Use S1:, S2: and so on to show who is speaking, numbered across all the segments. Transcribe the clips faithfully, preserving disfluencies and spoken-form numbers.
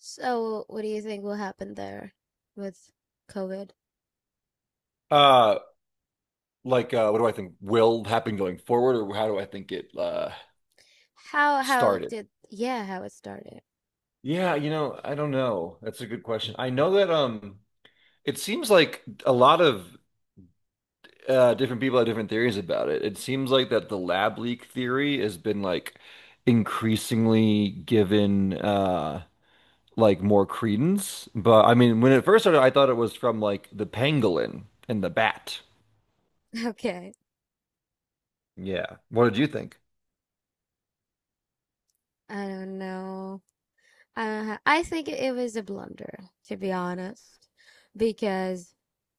S1: So, what do you think will happen there with COVID?
S2: Uh, like, uh, what do I think will happen going forward, or how do I think it uh
S1: How how
S2: started?
S1: did, yeah, how it started.
S2: Yeah, you know, I don't know. That's a good question. I know that um, it seems like a lot of uh different people have different theories about it. It seems like that the lab leak theory has been like increasingly given uh like more credence. But I mean, when it first started, I thought it was from like the pangolin and the bat.
S1: Okay.
S2: Yeah. What did you think?
S1: I don't know. I don't ha I think it was a blunder, to be honest, because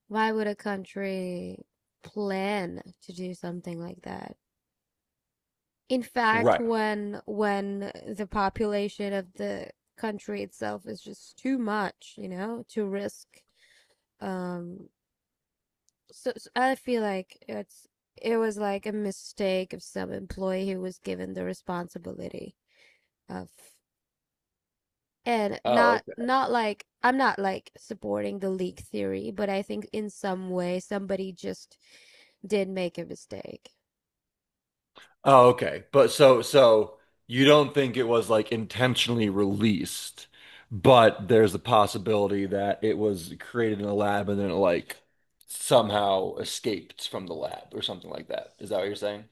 S1: why would a country plan to do something like that? In fact,
S2: Right.
S1: when when the population of the country itself is just too much, you know, to risk um So, so I feel like it's it was like a mistake of some employee who was given the responsibility of, and
S2: Oh,
S1: not not like, I'm not like supporting the leak theory, but I think in some way somebody just did make a mistake.
S2: oh, okay. But so so you don't think it was like intentionally released, but there's the possibility that it was created in a lab and then it like somehow escaped from the lab or something like that. Is that what you're saying?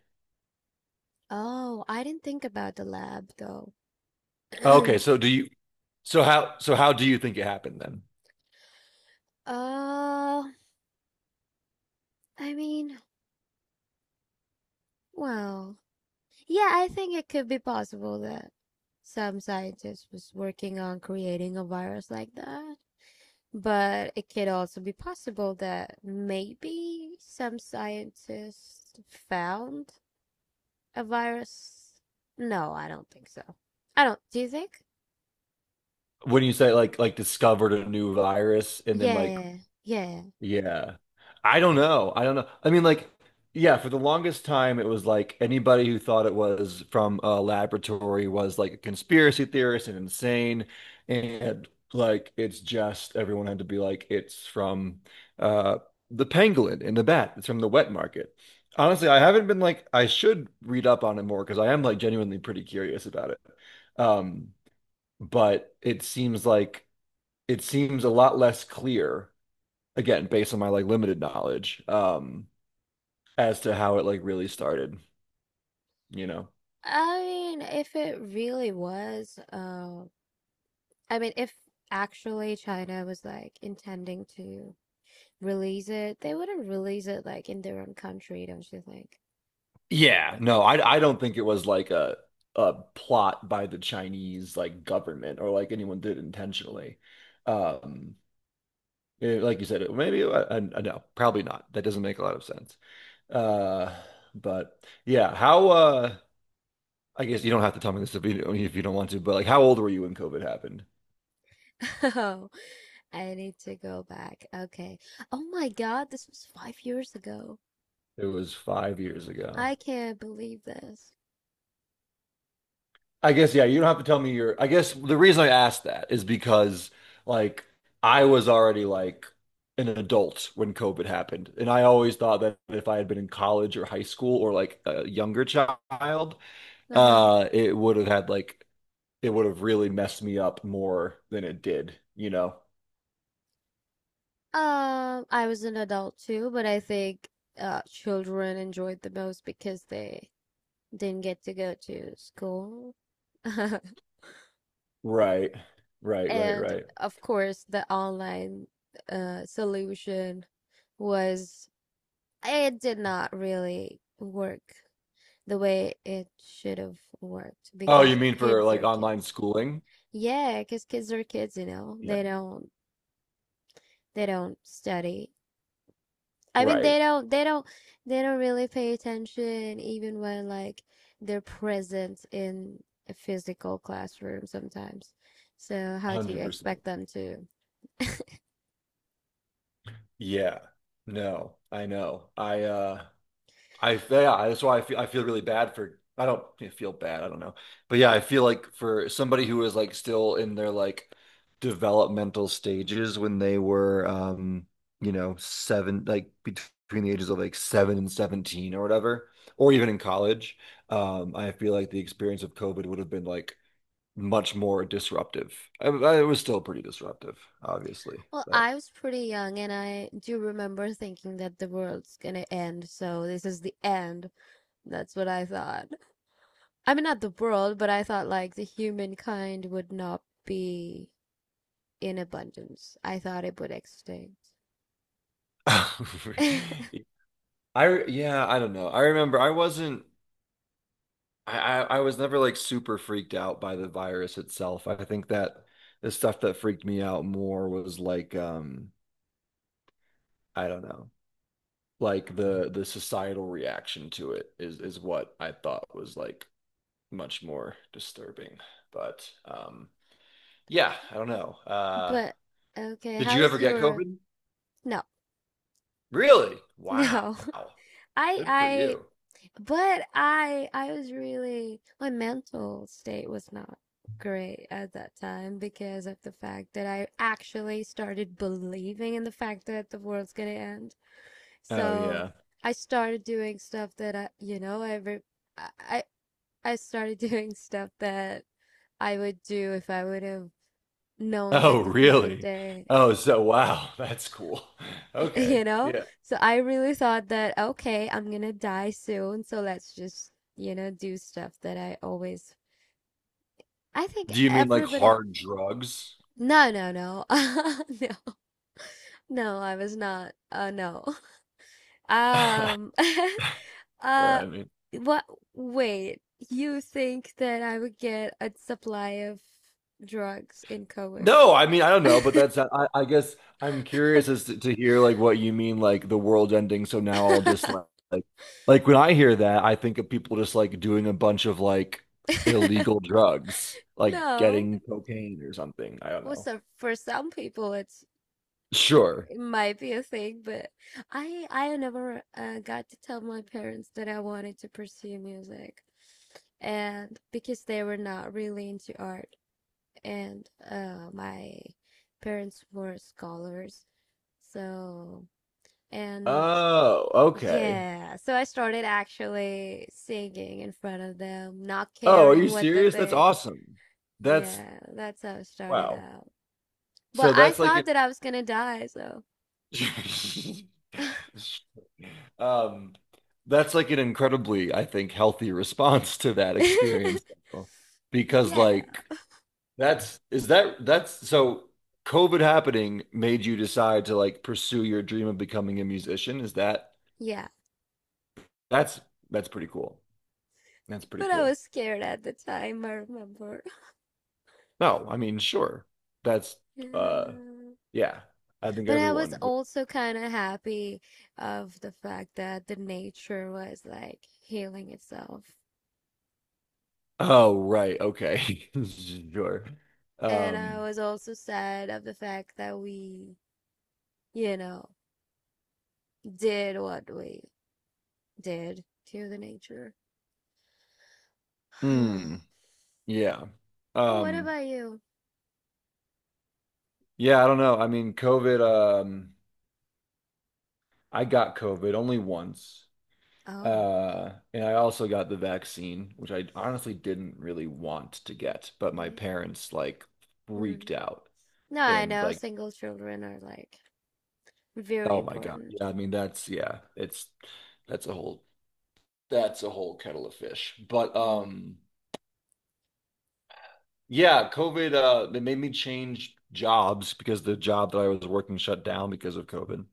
S1: Oh, I didn't think about the lab though.
S2: Okay, so do you so how so how do you think it happened then?
S1: uh, I mean, well, yeah, I think it could be possible that some scientist was working on creating a virus like that. But it could also be possible that maybe some scientists found a virus. No, I don't think so. I don't. Do you think?
S2: When you say like like discovered a new virus and then like.
S1: Yeah, yeah.
S2: Yeah. I don't know. I don't know. I mean, like, yeah, for the longest time, it was like anybody who thought it was from a laboratory was like a conspiracy theorist and insane. And like, it's just everyone had to be like, it's from uh, the pangolin and the bat. It's from the wet market. Honestly, I haven't been like, I should read up on it more because I am like genuinely pretty curious about it. Um, but it seems like it seems a lot less clear again, based on my like limited knowledge, um, as to how it like really started, you know.
S1: I mean, if it really was, uh, I mean, if actually China was like intending to release it, they wouldn't release it like in their own country, don't you think?
S2: Yeah. No, I I don't think it was like a a plot by the Chinese like government or like anyone did intentionally. Um, eh, like you said, it- maybe I, I, no, probably not. That doesn't make a lot of sense. Uh, but yeah, how uh I guess you don't have to tell me this if you, if you don't want to, but like how old were you when COVID happened?
S1: Oh, I need to go back. Okay. Oh my God, this was five years ago.
S2: It was five years ago.
S1: I can't believe this.
S2: I guess, yeah, you don't have to tell me your. I guess the reason I asked that is because, like, I was already like an adult when COVID happened. And I always thought that if I had been in college or high school or like a younger child,
S1: Uh-huh.
S2: uh, it would have had like, it would have really messed me up more than it did, you know?
S1: Um, I was an adult too, but I think uh children enjoyed the most because they didn't get to go to school.
S2: Right. Right, right,
S1: And
S2: right.
S1: of course, the online uh solution was, it did not really work the way it should have worked
S2: Oh, you
S1: because
S2: mean for
S1: kids
S2: like
S1: are
S2: online
S1: kids.
S2: schooling?
S1: Yeah, because kids are kids, you know.
S2: Yeah.
S1: They don't they don't study. I mean,
S2: Right.
S1: they don't, they don't, they don't really pay attention even when like they're present in a physical classroom sometimes. So how do you
S2: one hundred percent.
S1: expect them to?
S2: Yeah. No, I know. I, uh, I yeah, that's why I feel I feel really bad for I don't yeah, feel bad, I don't know. But yeah, I feel like for somebody who is like still in their like developmental stages when they were um, you know, seven like between the ages of like seven and seventeen or whatever, or even in college, um, I feel like the experience of COVID would have been like much more disruptive. I, I, it was still pretty disruptive, obviously,
S1: Well,
S2: but
S1: I was pretty young and I do remember thinking that the world's gonna end, so this is the end. That's what I thought. I mean, not the world, but I thought like the humankind would not be in abundance. I thought it would extinct.
S2: I yeah, I don't know. I remember I wasn't I, I I was never like super freaked out by the virus itself. I think that the stuff that freaked me out more was like um I don't know, like the the societal reaction to it is is what I thought was like much more disturbing. But um yeah, I don't know. Uh
S1: But okay,
S2: did
S1: how
S2: you ever
S1: was
S2: get
S1: your,
S2: COVID?
S1: no?
S2: Really? Wow.
S1: No. I
S2: Good for
S1: I
S2: you.
S1: but I I was really, my mental state was not great at that time because of the fact that I actually started believing in the fact that the world's gonna end.
S2: Oh
S1: So
S2: yeah.
S1: I started doing stuff that I you know I re- I I I started doing stuff that I would do if I would have known
S2: Oh
S1: that this is the
S2: really?
S1: day
S2: Oh so wow, that's cool.
S1: you
S2: Okay.
S1: know?
S2: Yeah.
S1: So I really thought that, okay, I'm gonna die soon, so let's just, you know, do stuff that I always. I think
S2: Do you mean like
S1: everybody.
S2: hard drugs?
S1: No, no, no. No, no, I was not. Uh, no. Um,
S2: Or,
S1: uh,
S2: I mean,
S1: what? Wait, you think that I would get a supply of drugs in COVID?
S2: no, I mean, I don't know, but that's, I, I guess I'm curious as to, to hear like what you mean, like the world ending. So now I'll just like, like, like when I hear that, I think of people just like doing a bunch of like illegal drugs, like
S1: No.
S2: getting cocaine or something. I don't
S1: Well,
S2: know.
S1: so for some people, it's
S2: Sure.
S1: it might be a thing, but I I never, uh, got to tell my parents that I wanted to pursue music, and because they were not really into art, and uh, my parents were scholars, so, and
S2: Oh, okay.
S1: yeah, so I started actually singing in front of them, not
S2: Oh, are
S1: caring
S2: you
S1: what they
S2: serious? That's
S1: think.
S2: awesome. That's
S1: Yeah, that's how it started
S2: wow.
S1: out. But
S2: So
S1: I
S2: that's like
S1: thought that I was gonna die, so.
S2: um, that's like an incredibly, I think, healthy response to that experience. Though. Because
S1: Yeah.
S2: like that's is that that's so COVID happening made you decide to like pursue your dream of becoming a musician. Is that
S1: Yeah,
S2: that's that's pretty cool. That's pretty
S1: but I
S2: cool.
S1: was scared at the time, I remember.
S2: No, I mean, sure. That's uh
S1: Yeah.
S2: yeah. I think
S1: But I was
S2: everyone would.
S1: also kind of happy of the fact that the nature was like healing itself.
S2: Oh, right. Okay. Sure.
S1: And I
S2: Um,
S1: was also sad of the fact that we, you know, did what we did to the nature.
S2: hmm. Yeah.
S1: What
S2: Um,
S1: about you?
S2: yeah, I don't know. I mean, COVID, um, I got COVID only once.
S1: Oh,
S2: Uh, and I also got the vaccine, which I honestly didn't really want to get, but my
S1: okay.
S2: parents like
S1: Hmm.
S2: freaked out
S1: No, I
S2: and
S1: know
S2: like,
S1: single children are like very
S2: oh my God.
S1: important.
S2: Yeah, I mean that's yeah, it's that's a whole that's a whole kettle of fish. But
S1: Mm.
S2: um yeah, COVID uh it made me change jobs because the job that I was working shut down because of COVID.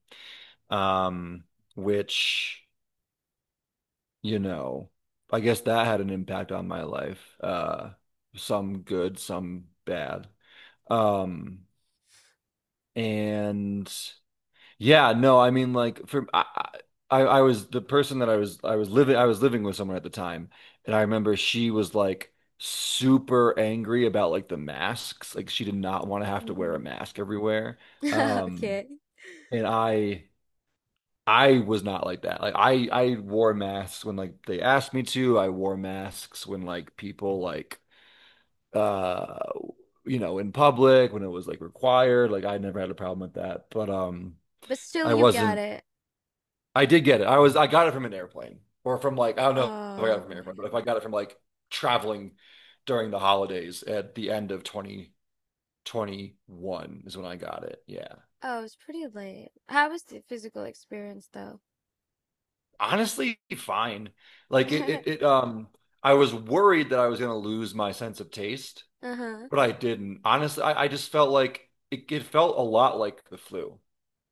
S2: Um which you know, I guess that had an impact on my life. Uh, some good, some bad. Um, and yeah, no, I mean, like for I, I, I was the person that I was, I was living, I was living with someone at the time, and I remember she was like super angry about like the masks. Like she did not want to have to wear a
S1: Hmm.
S2: mask everywhere. Um,
S1: Okay.
S2: and I. I was not like that. Like I I wore masks when like they asked me to. I wore masks when like people like uh you know in public when it was like required. Like I never had a problem with that. But um
S1: But still,
S2: I
S1: you got
S2: wasn't
S1: it.
S2: I did get it. I was I got it from an airplane or from like I don't know if I got
S1: Oh
S2: it from an
S1: my
S2: airplane, but if I
S1: God.
S2: got it from like traveling during the holidays at the end of twenty twenty-one is when I got it. Yeah.
S1: Oh, it's pretty late. How was the physical experience though?
S2: Honestly, fine. Like it, it, it, um, I was worried that I was going to lose my sense of taste,
S1: Uh-huh.
S2: but I didn't. Honestly, I, I just felt like it, it felt a lot like the flu.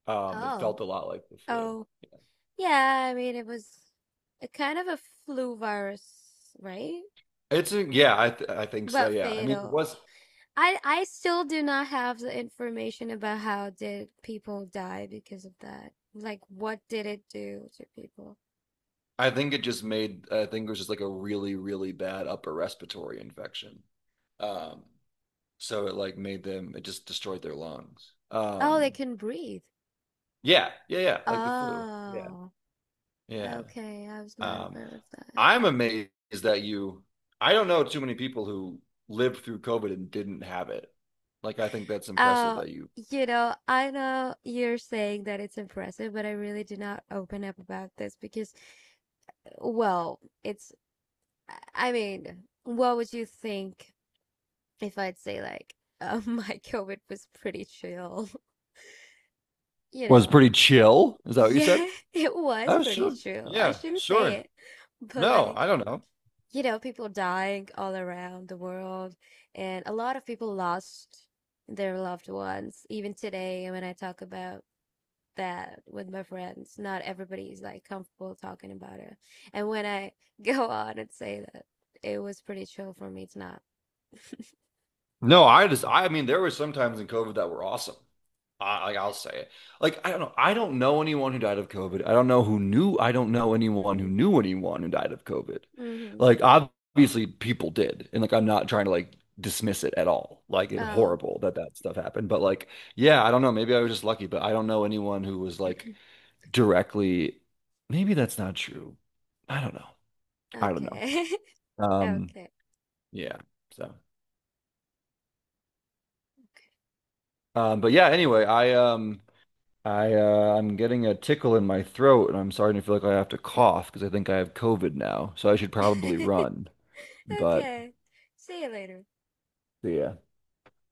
S2: Um, it
S1: Oh.
S2: felt a lot like the flu.
S1: Oh. Yeah, I mean it was a kind of a flu virus, right?
S2: It's a, yeah, I, th I think so.
S1: But
S2: Yeah. I mean, it
S1: fatal.
S2: was,
S1: I I still do not have the information about how did people die because of that. Like what did it do to people?
S2: I think it just made, I think it was just like a really, really bad upper respiratory infection. Um, so it like made them, it just destroyed their lungs.
S1: Oh, they
S2: Um,
S1: couldn't breathe.
S2: yeah, yeah, yeah, like the flu. Yeah.
S1: Oh.
S2: Yeah.
S1: Okay, I was not
S2: Um,
S1: aware of that.
S2: I'm amazed that you, I don't know too many people who lived through COVID and didn't have it. Like, I think that's impressive
S1: Oh,
S2: that you
S1: you know, I know you're saying that it's impressive, but I really do not open up about this because, well, it's, I mean, what would you think if I'd say, like, uh, my COVID was pretty chill? You
S2: was
S1: know,
S2: pretty chill. Is that what you said?
S1: yeah, it was
S2: Oh,
S1: pretty
S2: sure.
S1: chill. I
S2: Yeah,
S1: shouldn't say
S2: sure.
S1: it, but
S2: No,
S1: like,
S2: I don't know.
S1: you know, people dying all around the world, and a lot of people lost their loved ones. Even today, when I talk about that with my friends. Not everybody's like comfortable talking about it. And when I go on and say that, it was pretty chill for me. It's not.
S2: No, I just, I mean, there were some times in COVID that were awesome. I, like I'll say it. Like I don't know. I don't know anyone who died of COVID. I don't know who knew. I don't know anyone who knew anyone who died of COVID.
S1: Mm-hmm. Mm-hmm.
S2: Like obviously people did, and like I'm not trying to like dismiss it at all. Like it,
S1: Oh.
S2: horrible that that stuff happened. But like yeah, I don't know. Maybe I was just lucky, but I don't know anyone who was like directly. Maybe that's not true. I don't know. I don't know.
S1: Okay.
S2: Um,
S1: Okay.
S2: yeah. So, um, but yeah. Anyway, I um. I uh, I'm getting a tickle in my throat, and I'm starting to feel like I have to cough because I think I have COVID now. So I should probably
S1: Okay.
S2: run. But
S1: Okay. See you later.
S2: yeah.